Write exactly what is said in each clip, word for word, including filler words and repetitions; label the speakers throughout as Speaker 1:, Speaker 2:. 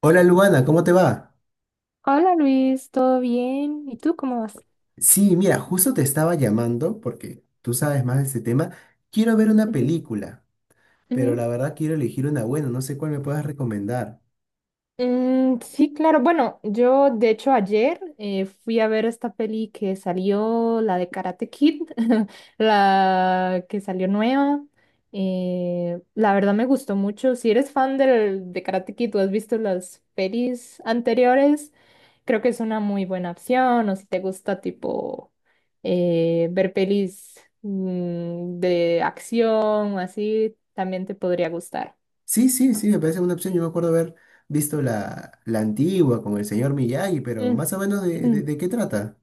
Speaker 1: Hola Luana, ¿cómo te va?
Speaker 2: Hola Luis, ¿todo bien? ¿Y tú cómo vas?
Speaker 1: Sí, mira, justo te estaba llamando porque tú sabes más de este tema. Quiero ver una
Speaker 2: Ujú,
Speaker 1: película, pero
Speaker 2: ujú.
Speaker 1: la verdad quiero elegir una buena, no sé cuál me puedas recomendar.
Speaker 2: Mm, sí, claro. Bueno, yo de hecho ayer eh, fui a ver esta peli que salió, la de Karate Kid, la que salió nueva. Eh, la verdad me gustó mucho. Si eres fan del, de Karate Kid, tú has visto las pelis anteriores. Creo que es una muy buena opción, o si te gusta tipo eh, ver pelis mm, de acción o así, también te podría gustar.
Speaker 1: Sí, sí, sí, me parece una opción. Yo me acuerdo haber visto la, la antigua con el señor Miyagi, pero más o menos de,
Speaker 2: Mm.
Speaker 1: de- de qué trata.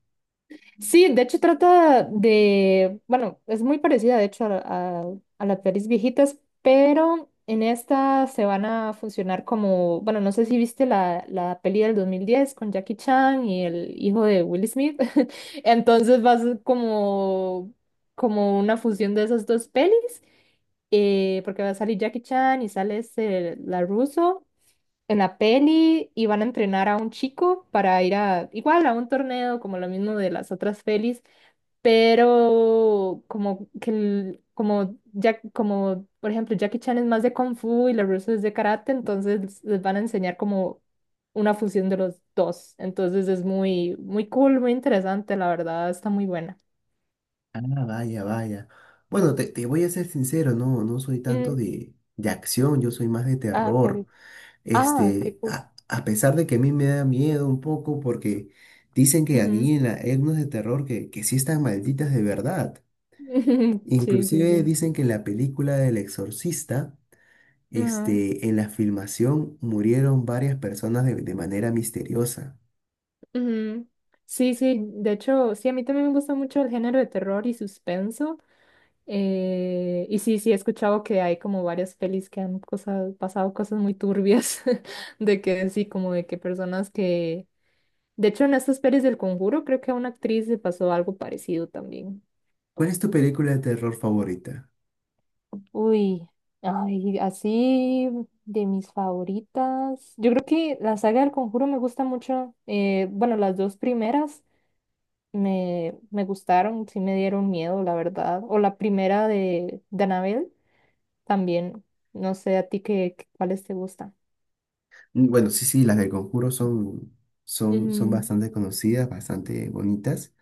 Speaker 2: Sí, de hecho trata de, bueno, es muy parecida de hecho a, a, a las pelis viejitas, pero en esta se van a funcionar como, bueno, no sé si viste la, la peli del dos mil diez con Jackie Chan y el hijo de Will Smith, entonces va a ser como, como una fusión de esas dos pelis, eh, porque va a salir Jackie Chan y sale este, la Russo en la peli y van a entrenar a un chico para ir a, igual a un torneo como lo mismo de las otras pelis, pero como que el- como ya como por ejemplo Jackie Chan es más de kung fu y la rusa es de karate, entonces les van a enseñar como una fusión de los dos. Entonces es muy muy cool, muy interesante, la verdad, está muy buena.
Speaker 1: Ah, vaya, vaya. Bueno, te, te voy a ser sincero, no, no soy tanto
Speaker 2: Mm,
Speaker 1: de, de acción, yo soy más de
Speaker 2: ah,
Speaker 1: terror.
Speaker 2: pero- ah, qué
Speaker 1: Este,
Speaker 2: cool.
Speaker 1: a, a pesar de que a mí me da miedo un poco porque dicen que aquí
Speaker 2: Ujú.
Speaker 1: en la etnos de terror que, que sí están malditas de verdad.
Speaker 2: Sí, sí,
Speaker 1: Inclusive
Speaker 2: sí.
Speaker 1: dicen que en la película del Exorcista,
Speaker 2: Ajá,
Speaker 1: este, en la filmación murieron varias personas de, de manera misteriosa.
Speaker 2: ujú. Sí, sí, de hecho, sí, a mí también me gusta mucho el género de terror y suspenso. Eh, y sí, sí, he escuchado que hay como varias pelis que han cosas, pasado cosas muy turbias, de que sí, como de que personas que... De hecho, en estas pelis del Conjuro creo que a una actriz le pasó algo parecido también.
Speaker 1: ¿Cuál es tu película de terror favorita?
Speaker 2: Uy, ay, así de mis favoritas. Yo creo que la saga del Conjuro me gusta mucho. Eh, bueno, las dos primeras me, me gustaron, sí me dieron miedo, la verdad. O la primera de, de Annabelle, también. No sé a ti qué, qué- cuáles te gustan.
Speaker 1: Mm, Bueno, sí, sí, las del Conjuro son, son, son
Speaker 2: Ujú,
Speaker 1: bastante conocidas, bastante bonitas.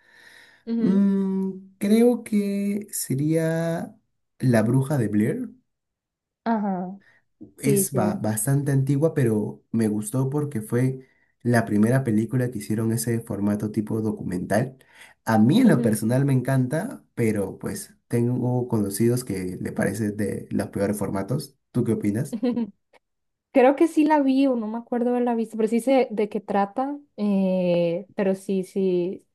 Speaker 2: ujú,
Speaker 1: Mm, creo que sería La Bruja de Blair.
Speaker 2: ajá, sí,
Speaker 1: Es ba-
Speaker 2: sí,
Speaker 1: bastante antigua, pero me gustó porque fue la primera película que hicieron ese formato tipo documental. A mí en lo
Speaker 2: ujú.
Speaker 1: personal me encanta, pero pues tengo conocidos que le parece de los peores formatos. ¿Tú qué opinas?
Speaker 2: Creo que sí la vi o no me acuerdo de la vista, pero sí sé de qué trata. Eh, pero sí, sí,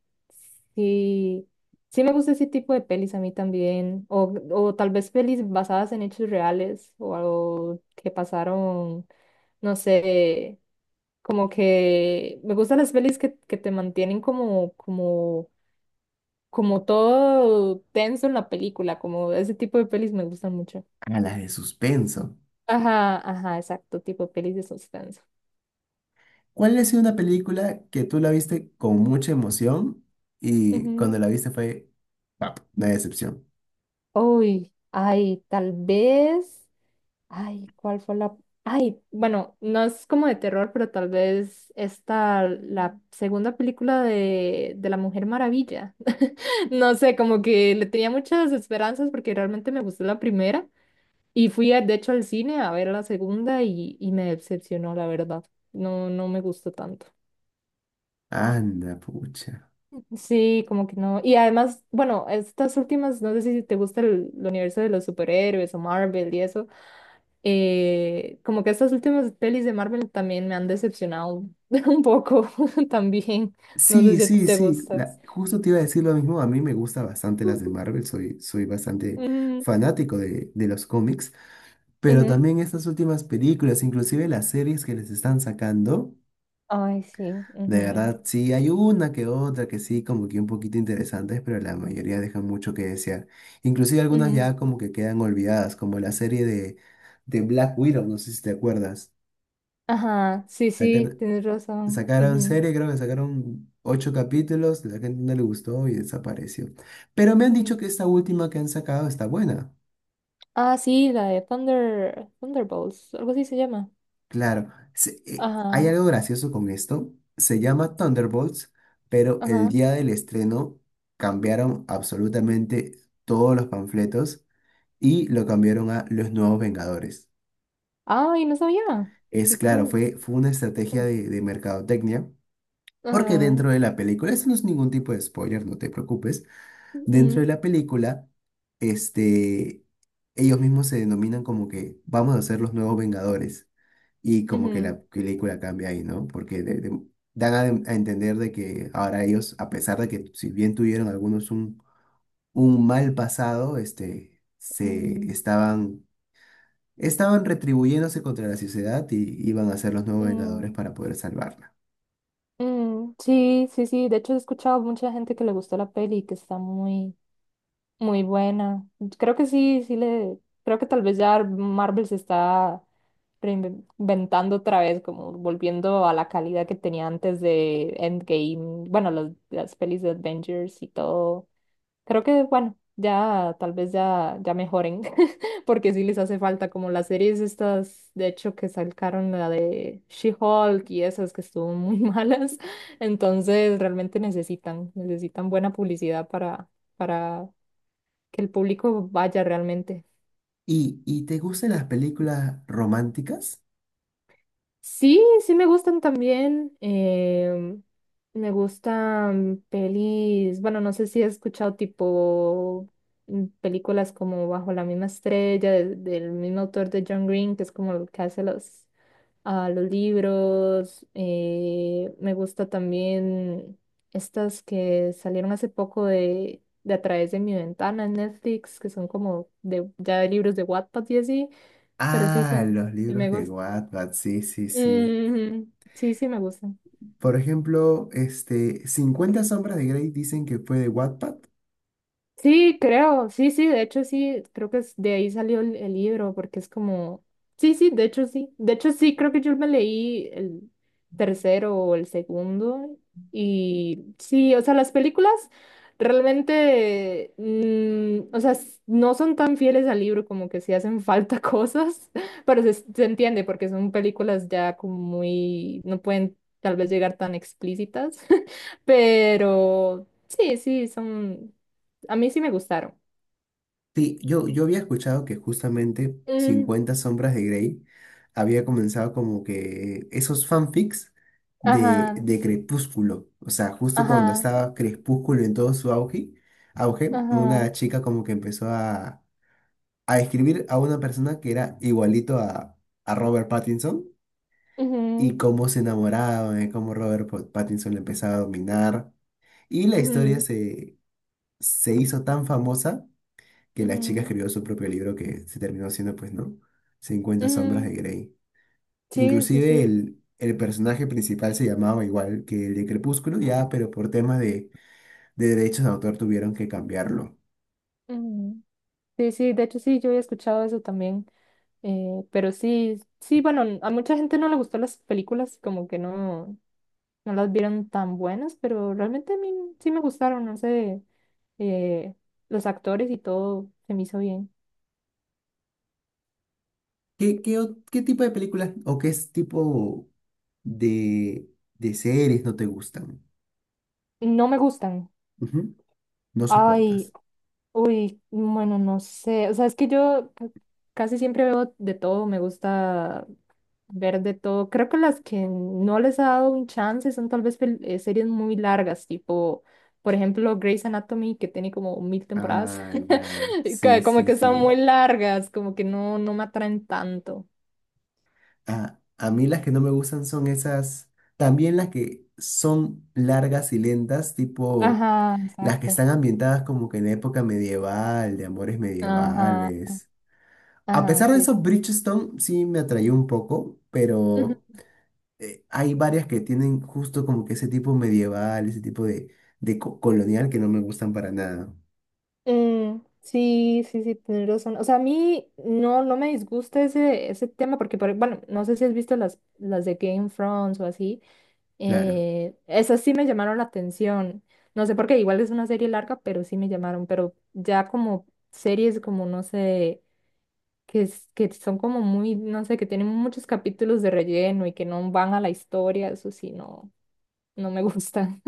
Speaker 2: sí, sí me gusta ese tipo de pelis a mí también. O, o tal vez pelis basadas en hechos reales o algo que pasaron, no sé, como que me gustan las pelis que, que te mantienen como, como como todo tenso en la película, como ese tipo de pelis me gustan mucho.
Speaker 1: A las de suspenso.
Speaker 2: Ajá, ajá, exacto, tipo pelis de suspenso.
Speaker 1: ¿Cuál ha sido una película que tú la viste con mucha emoción y
Speaker 2: Ujú.
Speaker 1: cuando la viste fue, pap, una decepción?
Speaker 2: Uy, ay, tal vez, ay, ¿cuál fue la? Ay, bueno, no es como de terror, pero tal vez esta, la segunda película de, de La Mujer Maravilla. No sé, como que le tenía muchas esperanzas porque realmente me gustó la primera. Y fui, a- de hecho, al cine a ver la segunda y, y me decepcionó, la verdad. No, no me gustó tanto.
Speaker 1: Anda, pucha.
Speaker 2: Sí, como que no. Y además, bueno, estas últimas, no sé si te gusta el, el universo de los superhéroes o Marvel y eso. Eh, como que estas últimas pelis de Marvel también me han decepcionado un poco también. No sé
Speaker 1: Sí,
Speaker 2: si a ti
Speaker 1: sí,
Speaker 2: te
Speaker 1: sí.
Speaker 2: gusta.
Speaker 1: La- justo te iba a decir lo mismo. A mí me gusta bastante las de Marvel. Soy, soy bastante
Speaker 2: Ujú,
Speaker 1: fanático de, de los cómics. Pero
Speaker 2: ujú.
Speaker 1: también estas últimas películas, inclusive las series que les están sacando.
Speaker 2: Ay, sí,
Speaker 1: De
Speaker 2: ujú,
Speaker 1: verdad, sí, hay una que otra que sí, como que un poquito interesantes, pero la mayoría dejan mucho que desear. Inclusive algunas
Speaker 2: ujú.
Speaker 1: ya como que quedan olvidadas, como la serie de, de Black Widow, no sé si te acuerdas.
Speaker 2: Ajá, sí, sí, tienes razón.
Speaker 1: Sacaron
Speaker 2: Ujú,
Speaker 1: serie, creo que sacaron ocho capítulos, la gente no le gustó y desapareció. Pero me han dicho
Speaker 2: ujú.
Speaker 1: que esta última que han sacado está buena.
Speaker 2: Ah, sí, la de Thunder, Thunderbolts, algo así se llama.
Speaker 1: Claro, se- eh, hay
Speaker 2: Ajá,
Speaker 1: algo gracioso con esto. Se llama Thunderbolts, pero el
Speaker 2: ajá.
Speaker 1: día del estreno cambiaron absolutamente todos los panfletos y lo cambiaron a Los Nuevos Vengadores.
Speaker 2: Ay, no sabía.
Speaker 1: Es
Speaker 2: Qué
Speaker 1: claro,
Speaker 2: cool.
Speaker 1: fue, fue una estrategia de, de mercadotecnia, porque
Speaker 2: Ajá.
Speaker 1: dentro de la película, eso no es ningún tipo de spoiler, no te preocupes. Dentro
Speaker 2: Mm,
Speaker 1: de la película, este, ellos mismos se denominan como que vamos a ser los nuevos Vengadores. Y como que la
Speaker 2: ujú,
Speaker 1: película cambia ahí, ¿no? Porque de- de- dan a, a entender de que ahora ellos, a pesar de que si bien tuvieron algunos un, un mal pasado, este, se
Speaker 2: mm,
Speaker 1: estaban, estaban retribuyéndose contra la sociedad y iban a ser los nuevos Vengadores
Speaker 2: mm,
Speaker 1: para poder salvarla.
Speaker 2: mm. Sí, sí, sí. De hecho, he escuchado mucha gente que le gustó la peli, que está muy, muy buena. Creo que sí, sí le. Creo que tal vez ya Marvel se está reinventando otra vez, como volviendo a la calidad que tenía antes de Endgame. Bueno, los- las pelis de Avengers y todo. Creo que, bueno, ya tal vez ya, ya mejoren, porque sí les hace falta como las series estas, de hecho, que sacaron la de She-Hulk y esas que estuvo muy malas. Entonces, realmente necesitan, necesitan buena publicidad para, para que el público vaya realmente.
Speaker 1: ¿Y, y te gustan las películas románticas?
Speaker 2: Sí, sí me gustan también. Em, me gustan pelis, bueno, no sé si he escuchado tipo mm, películas como Bajo la misma estrella, de- del mismo autor de John Green, que es como el que hace los, ah, los libros. Eh, me gusta también estas que salieron hace poco de, de A través de mi ventana en Netflix, que son como de, ya de libros de Wattpad y así, pero sí,
Speaker 1: Ah,
Speaker 2: sí,
Speaker 1: los
Speaker 2: me
Speaker 1: libros de
Speaker 2: gustan.
Speaker 1: Wattpad, sí, sí, sí.
Speaker 2: Ujú. Sí, sí, me gusta.
Speaker 1: Por ejemplo, este, cincuenta sombras de Grey dicen que fue de Wattpad.
Speaker 2: Sí, creo, sí, sí, de hecho sí, creo que es- de ahí salió el, el libro, porque es como, sí, sí, de hecho sí, de hecho sí, creo que yo me leí el tercero o el segundo, y sí, o sea, las películas realmente, mm, o sea, s- no son tan fieles al libro, como que sí hacen falta cosas, pero se, se entiende, porque son películas ya como muy, no pueden tal vez llegar tan explícitas, pero sí, sí, son... A mí sí me gustaron.
Speaker 1: Sí, yo, yo había escuchado que justamente
Speaker 2: Mm,
Speaker 1: cincuenta sombras de Grey había comenzado como que esos fanfics de,
Speaker 2: ajá,
Speaker 1: de
Speaker 2: sí,
Speaker 1: Crepúsculo. O sea, justo cuando
Speaker 2: ajá,
Speaker 1: estaba Crepúsculo en todo su auge, auge,
Speaker 2: ajá,
Speaker 1: una chica como que empezó a, a escribir a una persona que era igualito a, a Robert Pattinson y
Speaker 2: ujú,
Speaker 1: cómo se enamoraba, de cómo Robert Pat- Pattinson le empezaba a dominar. Y la historia
Speaker 2: ujú,
Speaker 1: se, se hizo tan famosa que la chica
Speaker 2: ujú,
Speaker 1: escribió su propio libro que se terminó siendo, pues, ¿no? cincuenta sombras
Speaker 2: ujú.
Speaker 1: de Grey.
Speaker 2: Sí, sí,
Speaker 1: Inclusive
Speaker 2: sí,
Speaker 1: el, el personaje principal se llamaba igual que el de Crepúsculo, ya, pero por temas de, de derechos de autor tuvieron que cambiarlo.
Speaker 2: ujú. Sí, sí, de hecho sí, yo he escuchado eso también. Eh, pero sí, sí, bueno, n- a mucha gente no le gustó las películas, como que no, no las vieron tan buenas, pero realmente a mí sí me gustaron, no sé, eh, los actores y todo se me hizo bien.
Speaker 1: ¿Qué, qué, o- qué tipo de películas o qué es tipo de, de series no te gustan?
Speaker 2: No me gustan.
Speaker 1: Ujú. No
Speaker 2: Ay,
Speaker 1: soportas.
Speaker 2: uy, bueno, no sé, o sea, es que yo ca- casi siempre veo de todo, me gusta ver de todo. Creo que las que no les ha dado un chance son tal vez pel- eh, series muy largas, tipo, por ejemplo, Grey's Anatomy, que tiene como mil temporadas,
Speaker 1: Ah, ya.
Speaker 2: y
Speaker 1: Sí,
Speaker 2: ca- como
Speaker 1: sí,
Speaker 2: que son
Speaker 1: sí.
Speaker 2: muy largas, como que no, no me atraen tanto.
Speaker 1: A, a mí las que no me gustan son esas, también las que son largas y lentas, tipo
Speaker 2: Ajá,
Speaker 1: las que
Speaker 2: exacto.
Speaker 1: están ambientadas como que en la época medieval, de amores
Speaker 2: Ajá,
Speaker 1: medievales. A
Speaker 2: ajá,
Speaker 1: pesar de
Speaker 2: sí,
Speaker 1: eso,
Speaker 2: sí.
Speaker 1: Bridgestone sí me atrayó un poco, pero eh, hay varias que tienen justo como que ese tipo medieval, ese tipo de, de co- colonial que no me gustan para nada,
Speaker 2: Mm, sí, sí, sí, tienes razón. O sea, a mí no, no me disgusta ese, ese tema porque, por- bueno, no sé si has visto las, las de Game of Thrones o así.
Speaker 1: claro.
Speaker 2: Eh, esas sí me llamaron la atención. No sé por qué, igual es una serie larga, pero sí me llamaron. Pero ya como series como, no sé, que, es- que son como muy, no sé, que tienen muchos capítulos de relleno y que no van a la historia, eso sí, no, no me gustan.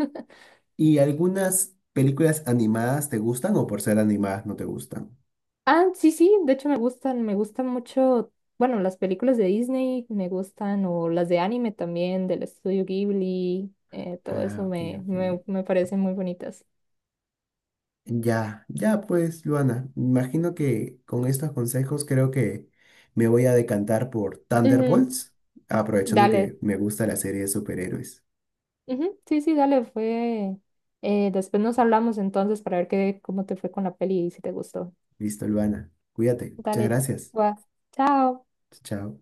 Speaker 1: ¿Y algunas películas animadas te gustan o por ser animadas no te gustan?
Speaker 2: Ah, sí, sí, de hecho me gustan, me gustan mucho, bueno, las películas de Disney me gustan, o las de anime también, del estudio Ghibli, eh, todo
Speaker 1: Ah,
Speaker 2: eso
Speaker 1: ok,
Speaker 2: me,
Speaker 1: ok.
Speaker 2: me, me parecen muy bonitas.
Speaker 1: Ya, ya pues, Luana, imagino que con estos consejos creo que me voy a decantar por
Speaker 2: Ujú.
Speaker 1: Thunderbolts, aprovechando
Speaker 2: Dale,
Speaker 1: que me gusta la serie de superhéroes.
Speaker 2: ujú, sí, sí, dale, fue. Eh, después nos hablamos entonces para ver qué, cómo te fue con la peli y si te gustó.
Speaker 1: Listo, Luana, cuídate, muchas
Speaker 2: Dale,
Speaker 1: gracias.
Speaker 2: chua, chao.
Speaker 1: Chao.